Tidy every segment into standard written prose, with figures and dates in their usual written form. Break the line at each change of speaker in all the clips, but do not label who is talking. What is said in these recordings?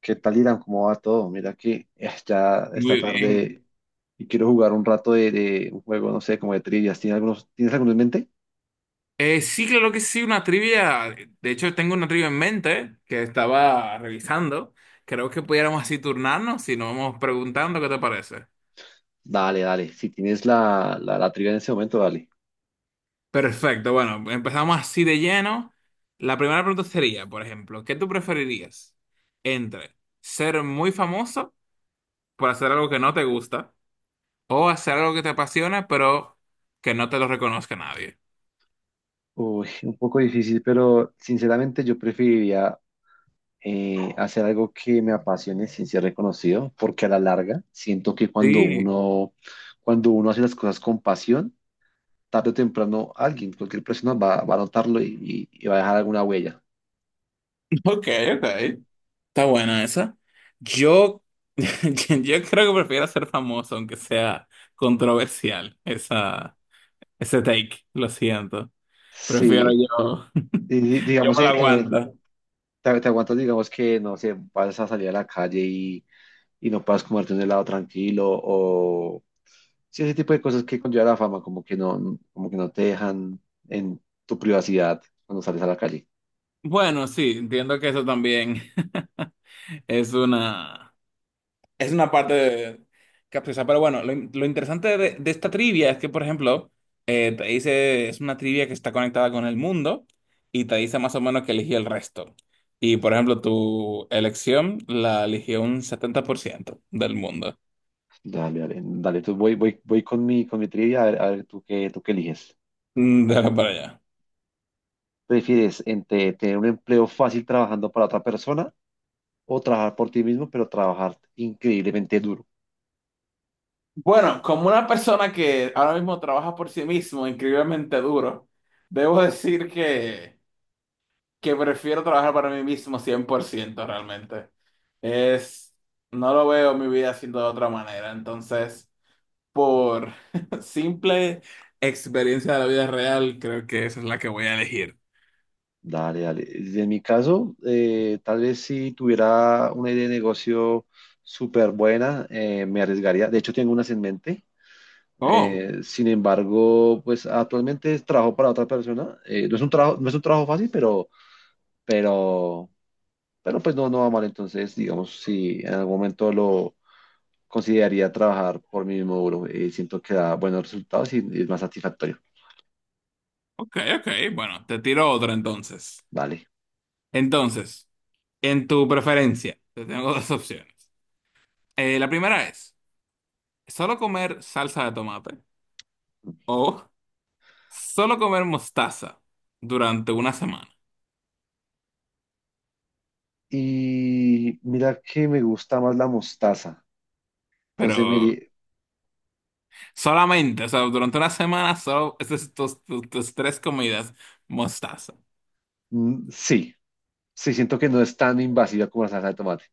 ¿Qué tal, Irán? ¿Cómo va todo? Mira que ya esta
Muy bien.
tarde y quiero jugar un rato de un juego, no sé, como de trivias. ¿Tienes tienes alguno en mente?
Sí, claro que sí, una trivia. De hecho, tengo una trivia en mente que estaba revisando. Creo que pudiéramos así turnarnos si nos vamos preguntando, ¿qué te parece?
Dale, dale. Si tienes la trivia en ese momento, dale.
Perfecto, bueno, empezamos así de lleno. La primera pregunta sería, por ejemplo, ¿qué tú preferirías entre ser muy famoso por hacer algo que no te gusta o hacer algo que te apasiona pero que no te lo reconozca nadie?
Uy, un poco difícil, pero sinceramente yo preferiría hacer algo que me apasione sin ser reconocido, porque a la larga siento que
Sí,
cuando uno hace las cosas con pasión, tarde o temprano alguien, cualquier persona va a notarlo y va a dejar alguna huella.
ok, ok. Está buena esa. Yo, yo creo que prefiero ser famoso, aunque sea controversial, esa, ese take, lo siento. Prefiero
Sí.
yo,
Y,
yo
digamos,
me la aguanto.
te aguantas, digamos que, no sé, vas a salir a la calle y no puedas comerte un helado tranquilo o sí, ese tipo de cosas que conlleva la fama, como que no te dejan en tu privacidad cuando sales a la calle.
Bueno, sí, entiendo que eso también es una, es una parte capciosa, pero bueno, lo interesante de esta trivia es que, por ejemplo, te dice, es una trivia que está conectada con el mundo y te dice más o menos que eligió el resto. Y, por ejemplo, tu elección la eligió un 70% del mundo.
Dale, dale, dale, voy con mi trivia, a ver tú qué eliges.
Mm, dale para allá.
¿Prefieres entre tener un empleo fácil trabajando para otra persona o trabajar por ti mismo, pero trabajar increíblemente duro?
Bueno, como una persona que ahora mismo trabaja por sí mismo increíblemente duro, debo decir que prefiero trabajar para mí mismo 100% realmente. Es, no lo veo mi vida siendo de otra manera. Entonces, por simple experiencia de la vida real, creo que esa es la que voy a elegir.
Dale, dale. En mi caso, tal vez si tuviera una idea de negocio súper buena, me arriesgaría. De hecho, tengo unas en mente.
Oh,
Sin embargo, pues actualmente trabajo para otra persona. No es un trabajo, no es un trabajo fácil, pero, pero pues no, no va mal. Entonces, digamos, si en algún momento lo consideraría trabajar por mí mismo, bro, siento que da buenos resultados y es más satisfactorio.
ok, ok. Bueno, te tiro otra entonces.
Vale.
Entonces, en tu preferencia, te tengo dos opciones. La primera es, solo comer salsa de tomate o solo comer mostaza durante una semana.
Y mira que me gusta más la mostaza.
Pero
Entonces, mire,
solamente, o sea, durante una semana solo esas tus tres comidas mostaza.
sí, sí, siento que no es tan invasiva como la salsa de tomate.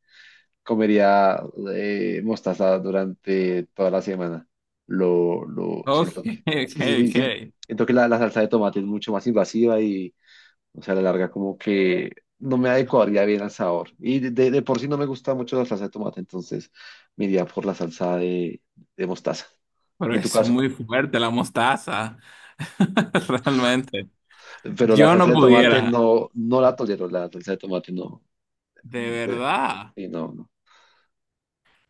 Comería mostaza durante toda la semana. Lo
Ok,
siento que.
ok,
Sí, sí, sí, sí.
ok.
Siento que la salsa de tomate es mucho más invasiva y, o sea, a la larga, como que no me adecuaría bien al sabor. Y de por sí no me gusta mucho la salsa de tomate, entonces me iría por la salsa de mostaza. ¿Y
Pero
en tu
es
caso?
muy fuerte la mostaza. Realmente.
Pero la
Yo
salsa
no
de... Claro. Tomate
pudiera.
no, no la tolero, la salsa de tomate no.
De
De...
verdad.
sí, no, no.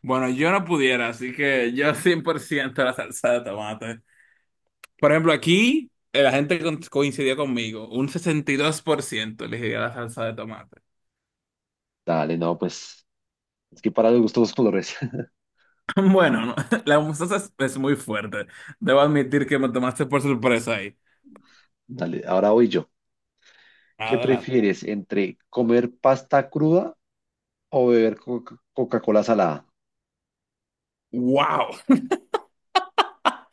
Bueno, yo no pudiera, así que yo 100% la salsa de tomate. Por ejemplo, aquí la gente coincidió conmigo. Un 62% elegiría la salsa de tomate.
Dale, no, pues es que para los gustos los colores.
Bueno, no, la mostaza es muy fuerte. Debo admitir que me tomaste por sorpresa ahí.
Dale, ahora voy yo. ¿Qué
Adelante.
prefieres entre comer pasta cruda o beber Coca-Cola salada?
Wow.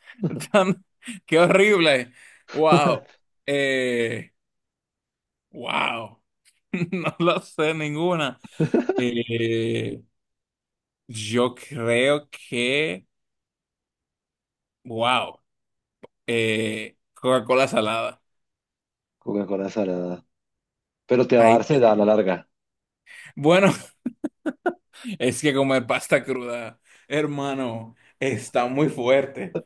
Tan- qué horrible. Wow. Eh, wow. No lo sé ninguna. Eh, yo creo que, wow. Coca-Cola salada.
Coca-Cola salada. Pero te va a
Ahí.
dar sed a la larga.
Bueno, es que comer pasta cruda, hermano, está muy fuerte.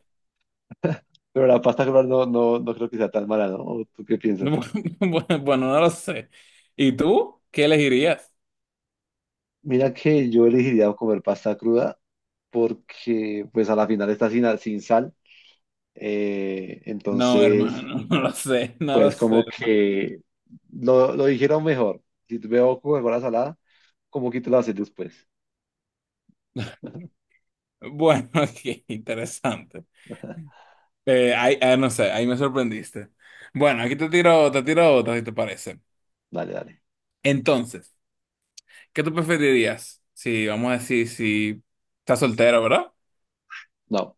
Pero la pasta cruda no, no creo que sea tan mala, ¿no? ¿O tú qué piensas?
Bueno, no lo sé. ¿Y tú? ¿Qué elegirías?
Mira que yo elegiría comer pasta cruda porque pues a la final está sin sal.
No,
Entonces...
hermano, no lo sé, no lo
pues
sé,
como
hermano.
que lo dijeron mejor. Si te veo Coca-Cola salada, como que te lo haces después.
Bueno, qué interesante. No sé, ahí me sorprendiste. Bueno, aquí te tiro otra, si te parece.
Dale, dale.
Entonces, ¿qué tú preferirías? Si, vamos a decir, si estás soltero, ¿verdad?
No.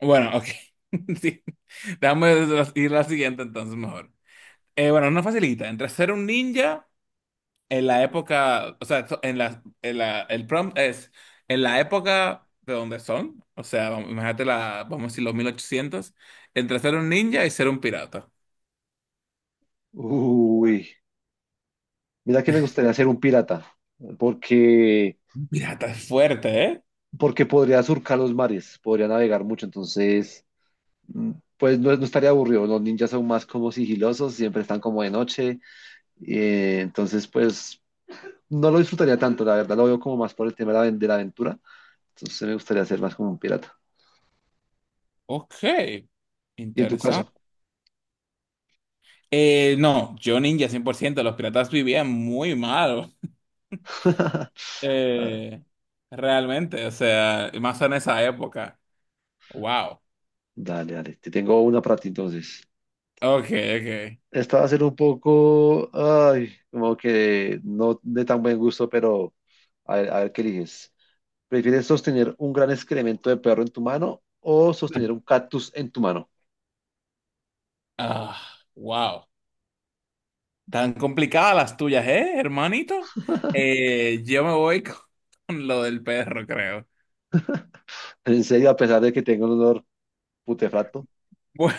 Bueno, ok. Sí. Déjame ir a la siguiente entonces mejor. Bueno, una facilita. Entre ser un ninja en la época, en el prompt es en la época de donde son, o sea, imagínate la, vamos a decir los 1800, entre ser un ninja y ser un pirata.
Uy, mira que me gustaría ser un pirata, porque,
Un pirata es fuerte, ¿eh?
porque podría surcar los mares, podría navegar mucho, entonces, pues no, no estaría aburrido. Los ninjas son más como sigilosos, siempre están como de noche, entonces, pues no lo disfrutaría tanto, la verdad, lo veo como más por el tema de de la aventura, entonces me gustaría ser más como un pirata.
Ok,
¿Y en tu
interesante.
caso?
No, yo ninja 100%. Los piratas vivían muy mal,
A.
eh, realmente, o sea, y más en esa época. Wow.
Dale, dale. Te tengo una para ti entonces.
Ok, ok.
Esta va a ser un poco, ay, como que no de tan buen gusto, pero a ver qué eliges. ¿Prefieres sostener un gran excremento de perro en tu mano o sostener un cactus en tu mano?
Ah, wow. Tan complicadas las tuyas, ¿eh, hermanito? Yo me voy con lo del perro, creo.
En serio, a pesar de que tengo un olor putefacto,
Bu-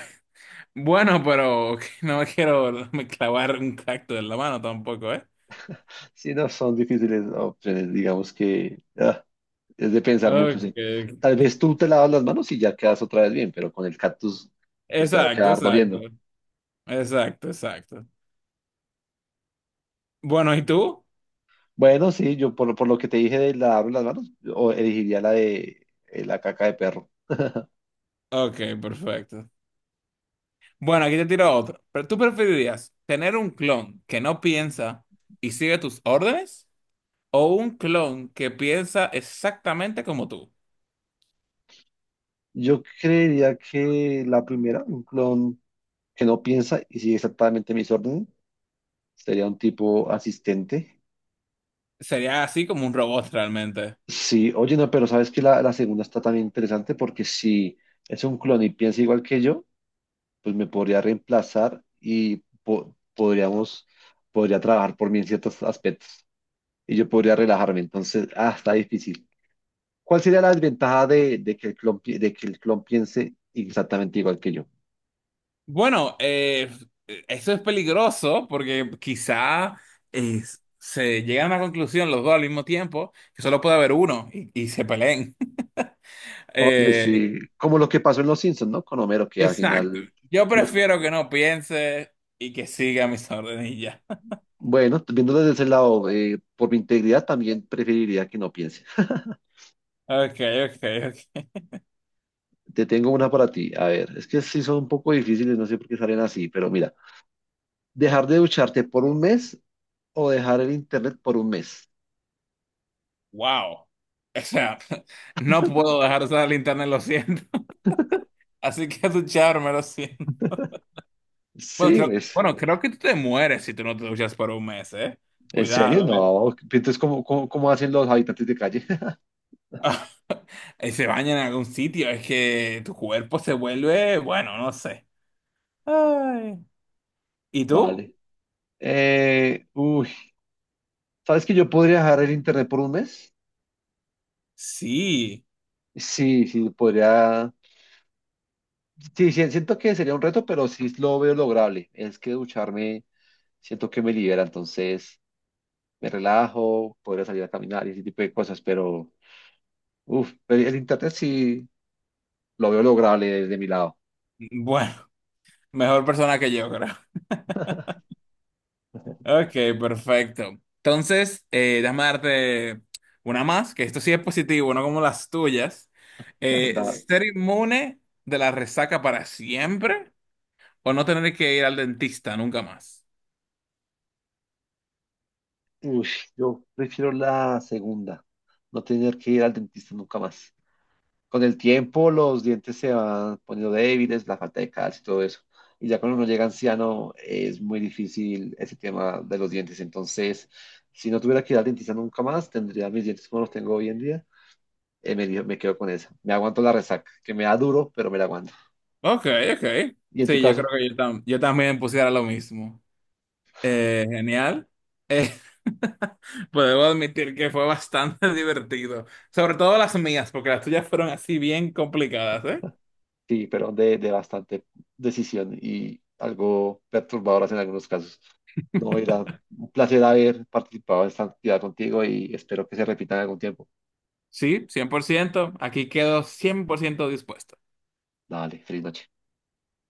Bueno, pero no me quiero clavar un cactus en la mano tampoco, ¿eh?
sí, no son difíciles opciones, digamos que ah, es de pensar mucho, sí.
Okay,
Tal
ok.
vez tú te lavas las manos y ya quedas otra vez bien, pero con el cactus pues te va a
Exacto,
quedar
exacto.
doliendo.
Exacto, exacto. Bueno, ¿y tú?
Bueno, sí, yo por lo que te dije de lavarme las manos, o elegiría la de la caca de perro.
Ok, perfecto. Bueno, aquí te tiro otro. ¿Pero tú preferirías tener un clon que no piensa y sigue tus órdenes o un clon que piensa exactamente como tú?
Yo creería que la primera, un clon que no piensa y sigue exactamente mis órdenes, sería un tipo asistente.
Sería así como un robot realmente.
Sí, oye, no, pero sabes que la segunda está también interesante porque si es un clon y piensa igual que yo, pues me podría reemplazar y podríamos, podría trabajar por mí en ciertos aspectos y yo podría relajarme. Entonces, ah, está difícil. ¿Cuál sería la desventaja de que el clon, de que el clon piense exactamente igual que yo?
Bueno, eso es peligroso porque quizá eh, se llegan a una conclusión los dos al mismo tiempo, que solo puede haber uno y se peleen.
Oye,
Eh,
sí, como lo que pasó en Los Simpsons, ¿no? Con Homero, que al
exacto.
final,
Yo
los-
prefiero que no piense y que siga mis ordenillas.
bueno, viendo desde ese lado, por mi integridad también preferiría que no piense.
Ok, ok, ok.
Te tengo una para ti. A ver, es que sí son un poco difíciles, no sé por qué salen así, pero mira, dejar de ducharte por un mes o dejar el internet por un mes.
Wow. O sea, no puedo dejar usar el internet, lo siento. Así que tu char, me lo siento.
Sí, pues.
Bueno, creo que tú te mueres si tú no te duchas por un mes, ¿eh?
¿En
Cuidado,
serio?
¿eh?
No. Entonces, ¿cómo hacen los habitantes de calle?
Y se baña en algún sitio, es que tu cuerpo se vuelve, bueno, no sé. Ay. ¿Y tú?
Vale. Uy, ¿sabes que yo podría dejar el internet por un mes?
Sí.
Sí, sí, podría. Sí, sí, siento que sería un reto, pero sí lo veo lograble. Es que ducharme, siento que me libera, entonces me relajo, podría salir a caminar y ese tipo de cosas, pero uf, pero el internet sí lo veo lograble desde mi lado.
Bueno, mejor persona que yo, creo. Ok, perfecto. Entonces, déjame darte una más, que esto sí es positivo, no como las tuyas.
La verdad,
¿Ser inmune de la resaca para siempre o no tener que ir al dentista nunca más?
sí. Uy, yo prefiero la segunda, no tener que ir al dentista nunca más. Con el tiempo los dientes se van poniendo débiles, la falta de calcio y todo eso. Y ya cuando uno llega anciano es muy difícil ese tema de los dientes. Entonces, si no tuviera que ir al dentista nunca más, tendría mis dientes como los tengo hoy en día. Me quedo con esa. Me aguanto la resaca, que me da duro, pero me la aguanto.
Ok, ok.
Y en tu
Sí, yo creo
caso,
que yo también pusiera lo mismo. Genial. Eh, pues debo admitir que fue bastante divertido. Sobre todo las mías, porque las tuyas fueron así bien complicadas, ¿eh?
sí, pero de bastante decisión y algo perturbadoras en algunos casos. No, era un placer haber participado en esta actividad contigo y espero que se repita en algún tiempo.
Sí, 100%. Aquí quedo 100% dispuesto.
Dale, feliz noche.